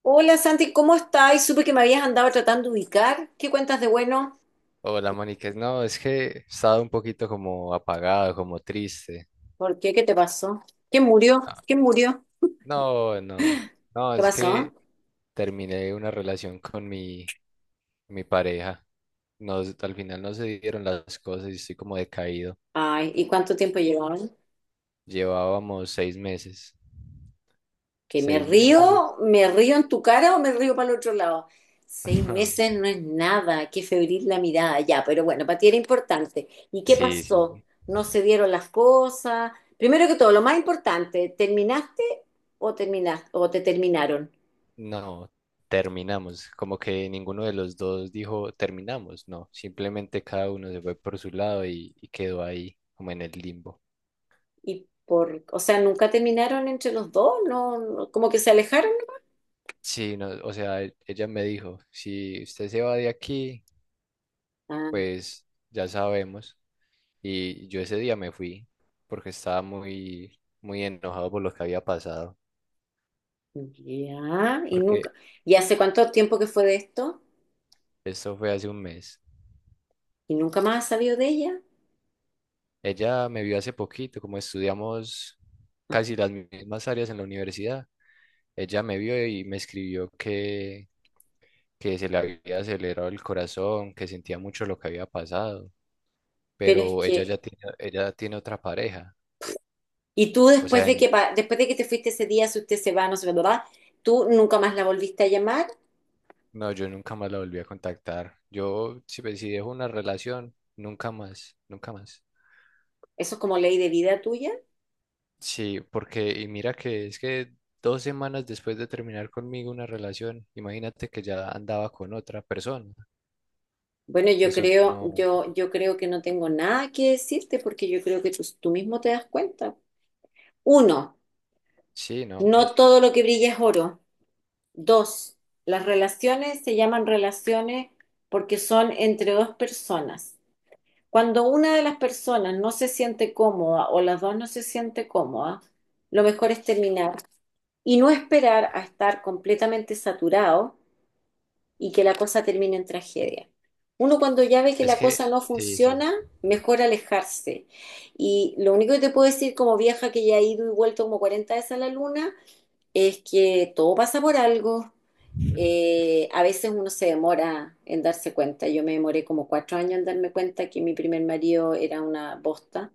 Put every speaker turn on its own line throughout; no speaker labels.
Hola Santi, ¿cómo estás? Y supe que me habías andado tratando de ubicar. ¿Qué cuentas de bueno?
Hola, Mónica. No, es que he estado un poquito como apagado, como triste.
¿Por qué? ¿Qué te pasó? ¿Quién murió? ¿Quién murió?
No, no, no. No,
¿Qué
es
pasó?
que terminé una relación con mi pareja. Nos, al final no se dieron las cosas y estoy como decaído.
Ay, ¿y cuánto tiempo llevaban?
Llevábamos 6 meses.
¿Que me
¿Seis meses?
río? ¿Me río en tu cara o me río para el otro lado? 6 meses no es nada, qué febril la mirada, ya, pero bueno, para ti era importante. ¿Y qué
Sí, sí.
pasó? ¿No se dieron las cosas? Primero que todo, lo más importante, ¿terminaste o te terminaron?
No, terminamos. Como que ninguno de los dos dijo terminamos. No, simplemente cada uno se fue por su lado y quedó ahí, como en el limbo.
Y por, o sea, nunca terminaron entre los dos, como que se alejaron.
Sí, no, o sea, ella me dijo, si usted se va de aquí,
Ah,
pues ya sabemos. Y yo ese día me fui porque estaba muy, muy enojado por lo que había pasado,
ya, y nunca,
porque
y hace cuánto tiempo que fue de esto,
esto fue hace un mes.
y nunca más has sabido de ella,
Ella me vio hace poquito, como estudiamos casi las mismas áreas en la universidad. Ella me vio y me escribió que se le había acelerado el corazón, que sentía mucho lo que había pasado,
pero es
pero
que,
ella tiene otra pareja.
y tú
O
después
sea,
de que,
en-
después de que te fuiste ese día, si usted se va, no se va, ¿verdad? Tú nunca más la volviste a llamar,
No, yo nunca más la volví a contactar. Yo, si, pues, si dejo una relación, nunca más, nunca más.
eso es como ley de vida tuya.
Sí, porque, y mira que es que 2 semanas después de terminar conmigo una relación, imagínate que ya andaba con otra persona.
Bueno, yo
Eso
creo,
no,
yo, yo creo que no tengo nada que decirte porque yo creo que tú mismo te das cuenta. Uno,
sí, no, pues,
no todo lo que brilla es oro. Dos, las relaciones se llaman relaciones porque son entre dos personas. Cuando una de las personas no se siente cómoda o las dos no se siente cómoda, lo mejor es terminar y no esperar a estar completamente saturado y que la cosa termine en tragedia. Uno cuando ya ve que
es
la
que,
cosa no
sí, sí,
funciona, mejor alejarse. Y lo único que te puedo decir como vieja que ya he ido y vuelto como 40 veces a la luna, es que todo pasa por algo. A veces uno se demora en darse cuenta. Yo me demoré como 4 años en darme cuenta que mi primer marido era una bosta.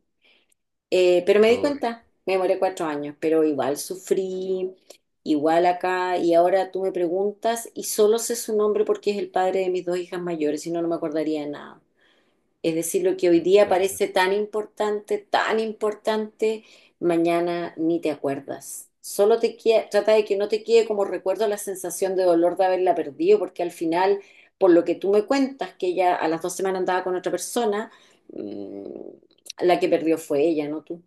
Pero me di
uy,
cuenta, me demoré 4 años, pero igual sufrí, igual acá. Y ahora tú me preguntas y solo sé su nombre porque es el padre de mis dos hijas mayores, si no, no me acordaría de nada. Es decir, lo que hoy día
entiendo.
parece tan importante, mañana ni te acuerdas. Solo trata de que no te quede como recuerdo la sensación de dolor de haberla perdido, porque al final, por lo que tú me cuentas, que ella a las 2 semanas andaba con otra persona, mm, la que perdió fue ella, no tú.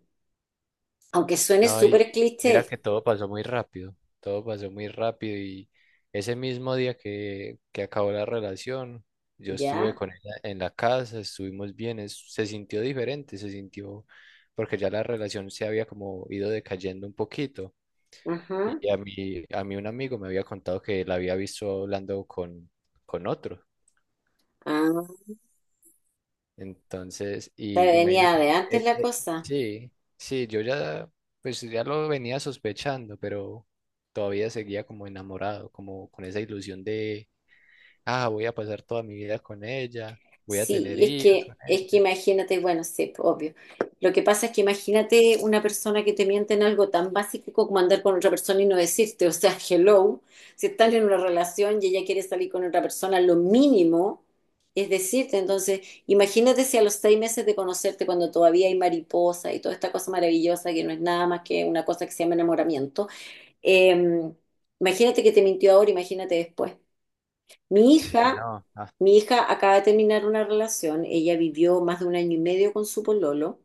Aunque suene
No, y
súper
mira
cliché,
que todo pasó muy rápido, todo pasó muy rápido y ese mismo día que acabó la relación, yo estuve
¿ya?
con ella en la casa, estuvimos bien, se sintió diferente, se sintió porque ya la relación se había como ido decayendo un poquito
Ajá.
y a mí un amigo me había contado que la había visto hablando con otro.
Ah,
Entonces,
te
y
venía
imagínate
de
que,
antes la cosa.
sí, sí, yo ya, pues ya lo venía sospechando, pero todavía seguía como enamorado, como con esa ilusión de, ah, voy a pasar toda mi vida con ella, voy a tener
Sí, es
hijos
que,
con
es que
ella.
imagínate, bueno, sí, pues, obvio. Lo que pasa es que imagínate una persona que te miente en algo tan básico como andar con otra persona y no decirte, o sea, hello, si estás en una relación y ella quiere salir con otra persona, lo mínimo es decirte. Entonces, imagínate si a los 6 meses de conocerte, cuando todavía hay mariposa y toda esta cosa maravillosa que no es nada más que una cosa que se llama enamoramiento, eh, imagínate que te mintió ahora, imagínate después. Mi
Sí,
hija,
no, ah,
mi hija acaba de terminar una relación, ella vivió más de un año y medio con su pololo,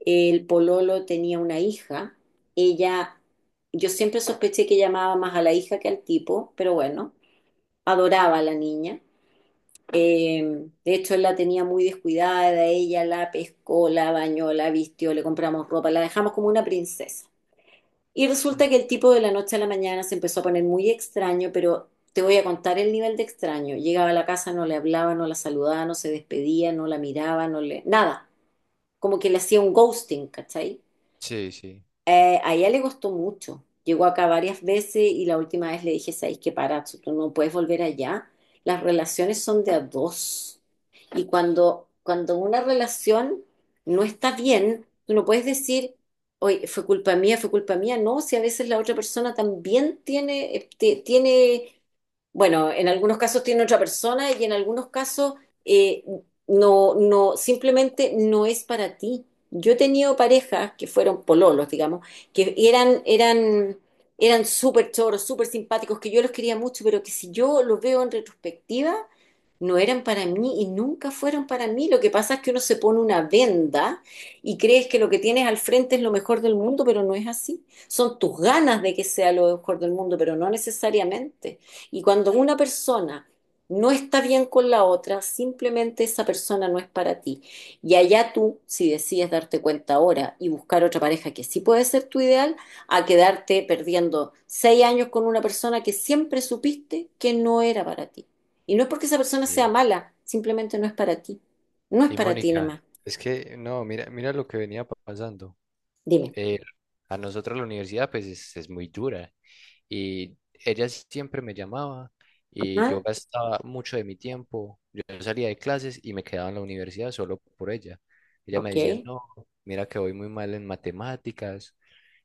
el pololo tenía una hija, ella, yo siempre sospeché que llamaba más a la hija que al tipo, pero bueno, adoraba a la niña. De hecho, él la tenía muy descuidada, ella la pescó, la bañó, la vistió, le compramos ropa, la dejamos como una princesa. Y
mm,
resulta que el tipo de la noche a la mañana se empezó a poner muy extraño, pero te voy a contar el nivel de extraño. Llegaba a la casa, no le hablaba, no la saludaba, no se despedía, no la miraba, no le... nada. Como que le hacía un ghosting, ¿cachai?
sí, sí,
A ella le gustó mucho. Llegó acá varias veces y la última vez le dije, ¿sabes qué, Parazzo? Tú no puedes volver allá. Las relaciones son de a dos. Y cuando una relación no está bien, tú no puedes decir, oye, fue culpa mía, fue culpa mía. No, si a veces la otra persona también tiene bueno, en algunos casos tiene otra persona y en algunos casos eh, no, no, simplemente no es para ti. Yo he tenido parejas que fueron pololos, digamos, que eran súper choros, súper simpáticos, que yo los quería mucho, pero que si yo los veo en retrospectiva, no eran para mí y nunca fueron para mí. Lo que pasa es que uno se pone una venda y crees que lo que tienes al frente es lo mejor del mundo, pero no es así. Son tus ganas de que sea lo mejor del mundo, pero no necesariamente. Y cuando una persona no está bien con la otra, simplemente esa persona no es para ti. Y allá tú, si decides darte cuenta ahora y buscar otra pareja que sí puede ser tu ideal, a quedarte perdiendo 6 años con una persona que siempre supiste que no era para ti. Y no es porque esa persona sea
sí.
mala, simplemente no es para ti. No es
Y
para ti nomás.
Mónica, es que, no, mira lo que venía pasando.
Dime.
Eh, a nosotros la universidad, pues es muy dura. Y ella siempre me llamaba y yo
Ajá,
gastaba mucho de mi tiempo. Yo salía de clases y me quedaba en la universidad solo por ella. Ella me decía,
ok,
no, mira que voy muy mal en matemáticas.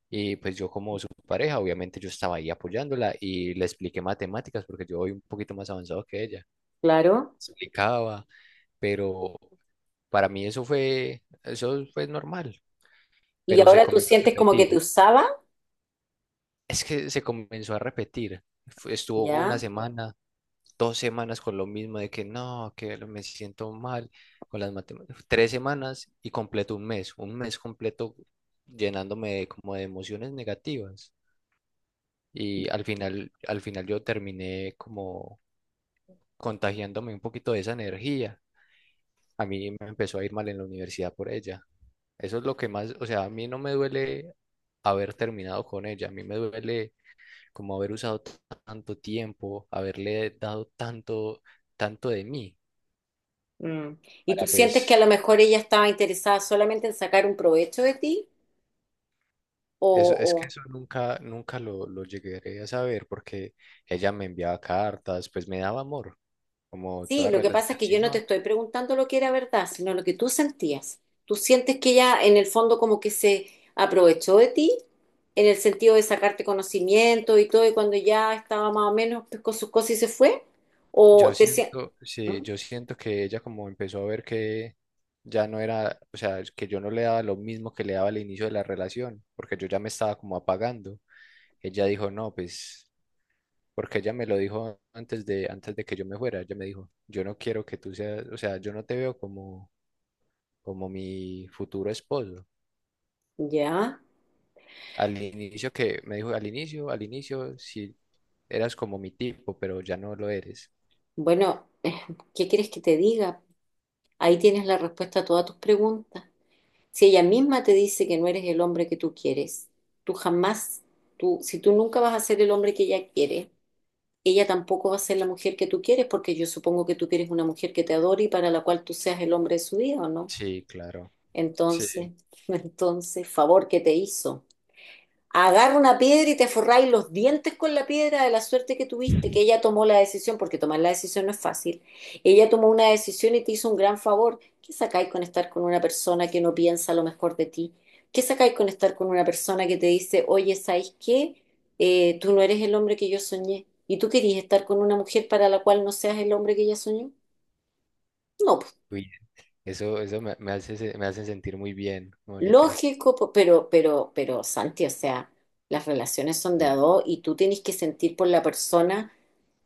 Y pues yo como su pareja, obviamente yo estaba ahí apoyándola y le expliqué matemáticas porque yo voy un poquito más avanzado que ella.
claro.
Explicaba, pero para mí eso fue normal,
Y
pero se
ahora tú
comenzó a
sientes como que te
repetir.
usaba,
Es que se comenzó a repetir. Estuvo una
¿ya?
semana, 2 semanas con lo mismo de que no, que lo- me siento mal con las matemáticas. 3 semanas y completo un mes completo llenándome de, como de emociones negativas. Y al final yo terminé como contagiándome un poquito de esa energía. A mí me empezó a ir mal en la universidad por ella. Eso es lo que más, o sea, a mí no me duele haber terminado con ella, a mí me duele como haber usado tanto tiempo, haberle dado tanto, tanto de mí,
Mm. ¿Y tú
para
sientes que a
pues,
lo mejor ella estaba interesada solamente en sacar un provecho de ti?
eso, es
o,
que eso nunca, nunca lo llegué a saber porque ella me enviaba cartas, pues me daba amor, como
Sí,
toda
lo que pasa es
relación,
que yo
si
no te
no,
estoy preguntando lo que era verdad, sino lo que tú sentías. ¿Tú sientes que ella en el fondo como que se aprovechó de ti en el sentido de sacarte conocimiento y todo y cuando ya estaba más o menos pues, con sus cosas y se fue? ¿O
yo
te sien-
siento,
¿Mm?
sí, yo siento que ella como empezó a ver que ya no era, o sea, que yo no le daba lo mismo que le daba al inicio de la relación, porque yo ya me estaba como apagando. Ella dijo, no, pues. Porque ella me lo dijo antes de que yo me fuera. Ella me dijo, yo no quiero que tú seas, o sea, yo no te veo como, como mi futuro esposo.
Ya,
Al inicio que me dijo, al inicio, sí, eras como mi tipo, pero ya no lo eres.
bueno, ¿qué quieres que te diga? Ahí tienes la respuesta a todas tus preguntas. Si ella misma te dice que no eres el hombre que tú quieres, tú jamás, tú, si tú nunca vas a ser el hombre que ella quiere, ella tampoco va a ser la mujer que tú quieres, porque yo supongo que tú quieres una mujer que te adore y para la cual tú seas el hombre de su vida, ¿o no?
Sí, claro. Sí.
Entonces, entonces, favor que te hizo. Agarra una piedra y te forráis los dientes con la piedra de la suerte que tuviste, que ella tomó la decisión, porque tomar la decisión no es fácil. Ella tomó una decisión y te hizo un gran favor. ¿Qué sacáis con estar con una persona que no piensa lo mejor de ti? ¿Qué sacáis con estar con una persona que te dice, oye, ¿sabes qué? Tú no eres el hombre que yo soñé. ¿Y tú querías estar con una mujer para la cual no seas el hombre que ella soñó? No, pues,
Uy, eso me, me hace sentir muy bien, Mónica.
lógico, pero, Santi, o sea, las relaciones son de
Sí,
a dos y tú tienes que sentir por la persona.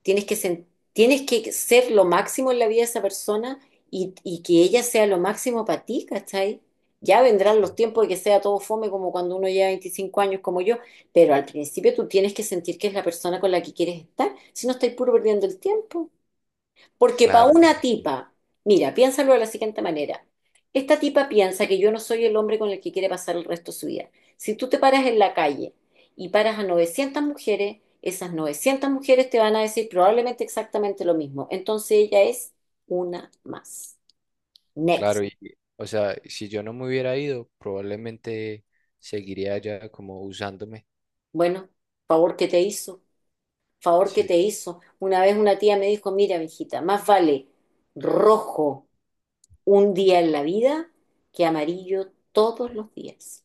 Tienes que, sen- tienes que ser lo máximo en la vida de esa persona y que ella sea lo máximo para ti, ¿cachai? Ya vendrán los tiempos de que sea todo fome como cuando uno lleva 25 años como yo, pero al principio tú tienes que sentir que es la persona con la que quieres estar, si no estáis puro perdiendo el tiempo. Porque para
claro, no,
una tipa, mira, piénsalo de la siguiente manera. Esta tipa piensa que yo no soy el hombre con el que quiere pasar el resto de su vida. Si tú te paras en la calle y paras a 900 mujeres, esas 900 mujeres te van a decir probablemente exactamente lo mismo. Entonces ella es una más.
claro.
Next.
Y, o sea, si yo no me hubiera ido, probablemente seguiría ya como usándome.
Bueno, favor que te hizo, favor que te
Sí.
hizo. Una vez una tía me dijo, mira, mijita, más vale rojo un día en la vida que amarillo todos los días.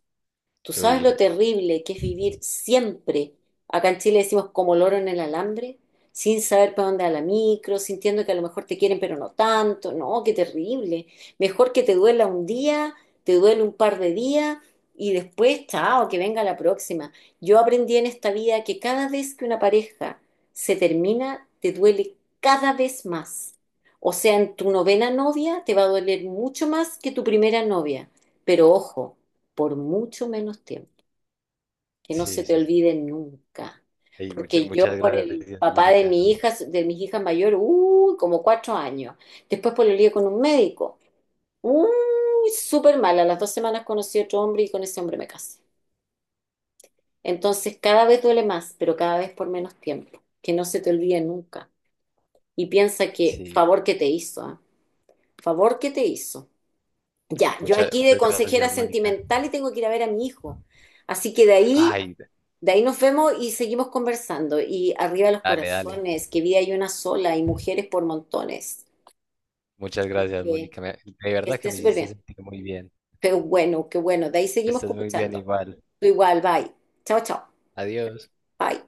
¿Tú sabes
Uy,
lo
ese-
terrible que es vivir siempre? Acá en Chile decimos como loro en el alambre, sin saber para dónde va la micro, sintiendo que a lo mejor te quieren, pero no tanto. No, qué terrible. Mejor que te duela un día, te duele un par de días y después, chao, que venga la próxima. Yo aprendí en esta vida que cada vez que una pareja se termina, te duele cada vez más. O sea, en tu novena novia te va a doler mucho más que tu primera novia. Pero ojo, por mucho menos tiempo, que no se
sí,
te
sí.
olvide nunca.
Ey,
Porque yo
muchas
por el
gracias,
papá de
Mónica.
mi hija, de mis hijas mayores, uy, como 4 años. Después por el lío con un médico. Uy, súper mal. A las dos semanas conocí a otro hombre y con ese hombre me casé. Entonces cada vez duele más, pero cada vez por menos tiempo. Que no se te olvide nunca. Y piensa que
Sí,
favor que te hizo, ¿ah? Favor que te hizo. Ya, yo
muchas,
aquí de
muchas
consejera
gracias, Mónica.
sentimental y tengo que ir a ver a mi hijo. Así que
Ay,
de ahí nos vemos y seguimos conversando. Y arriba los
dale, dale.
corazones, que vida hay una sola y mujeres por montones.
Muchas
Que
gracias, Mónica. De
que
verdad que
esté
me
súper
hiciste
bien.
sentir muy bien.
Pero bueno, qué bueno. De ahí seguimos
Estás muy bien
escuchando.
igual.
Tú igual, bye. Chao, chao.
Adiós.
Bye.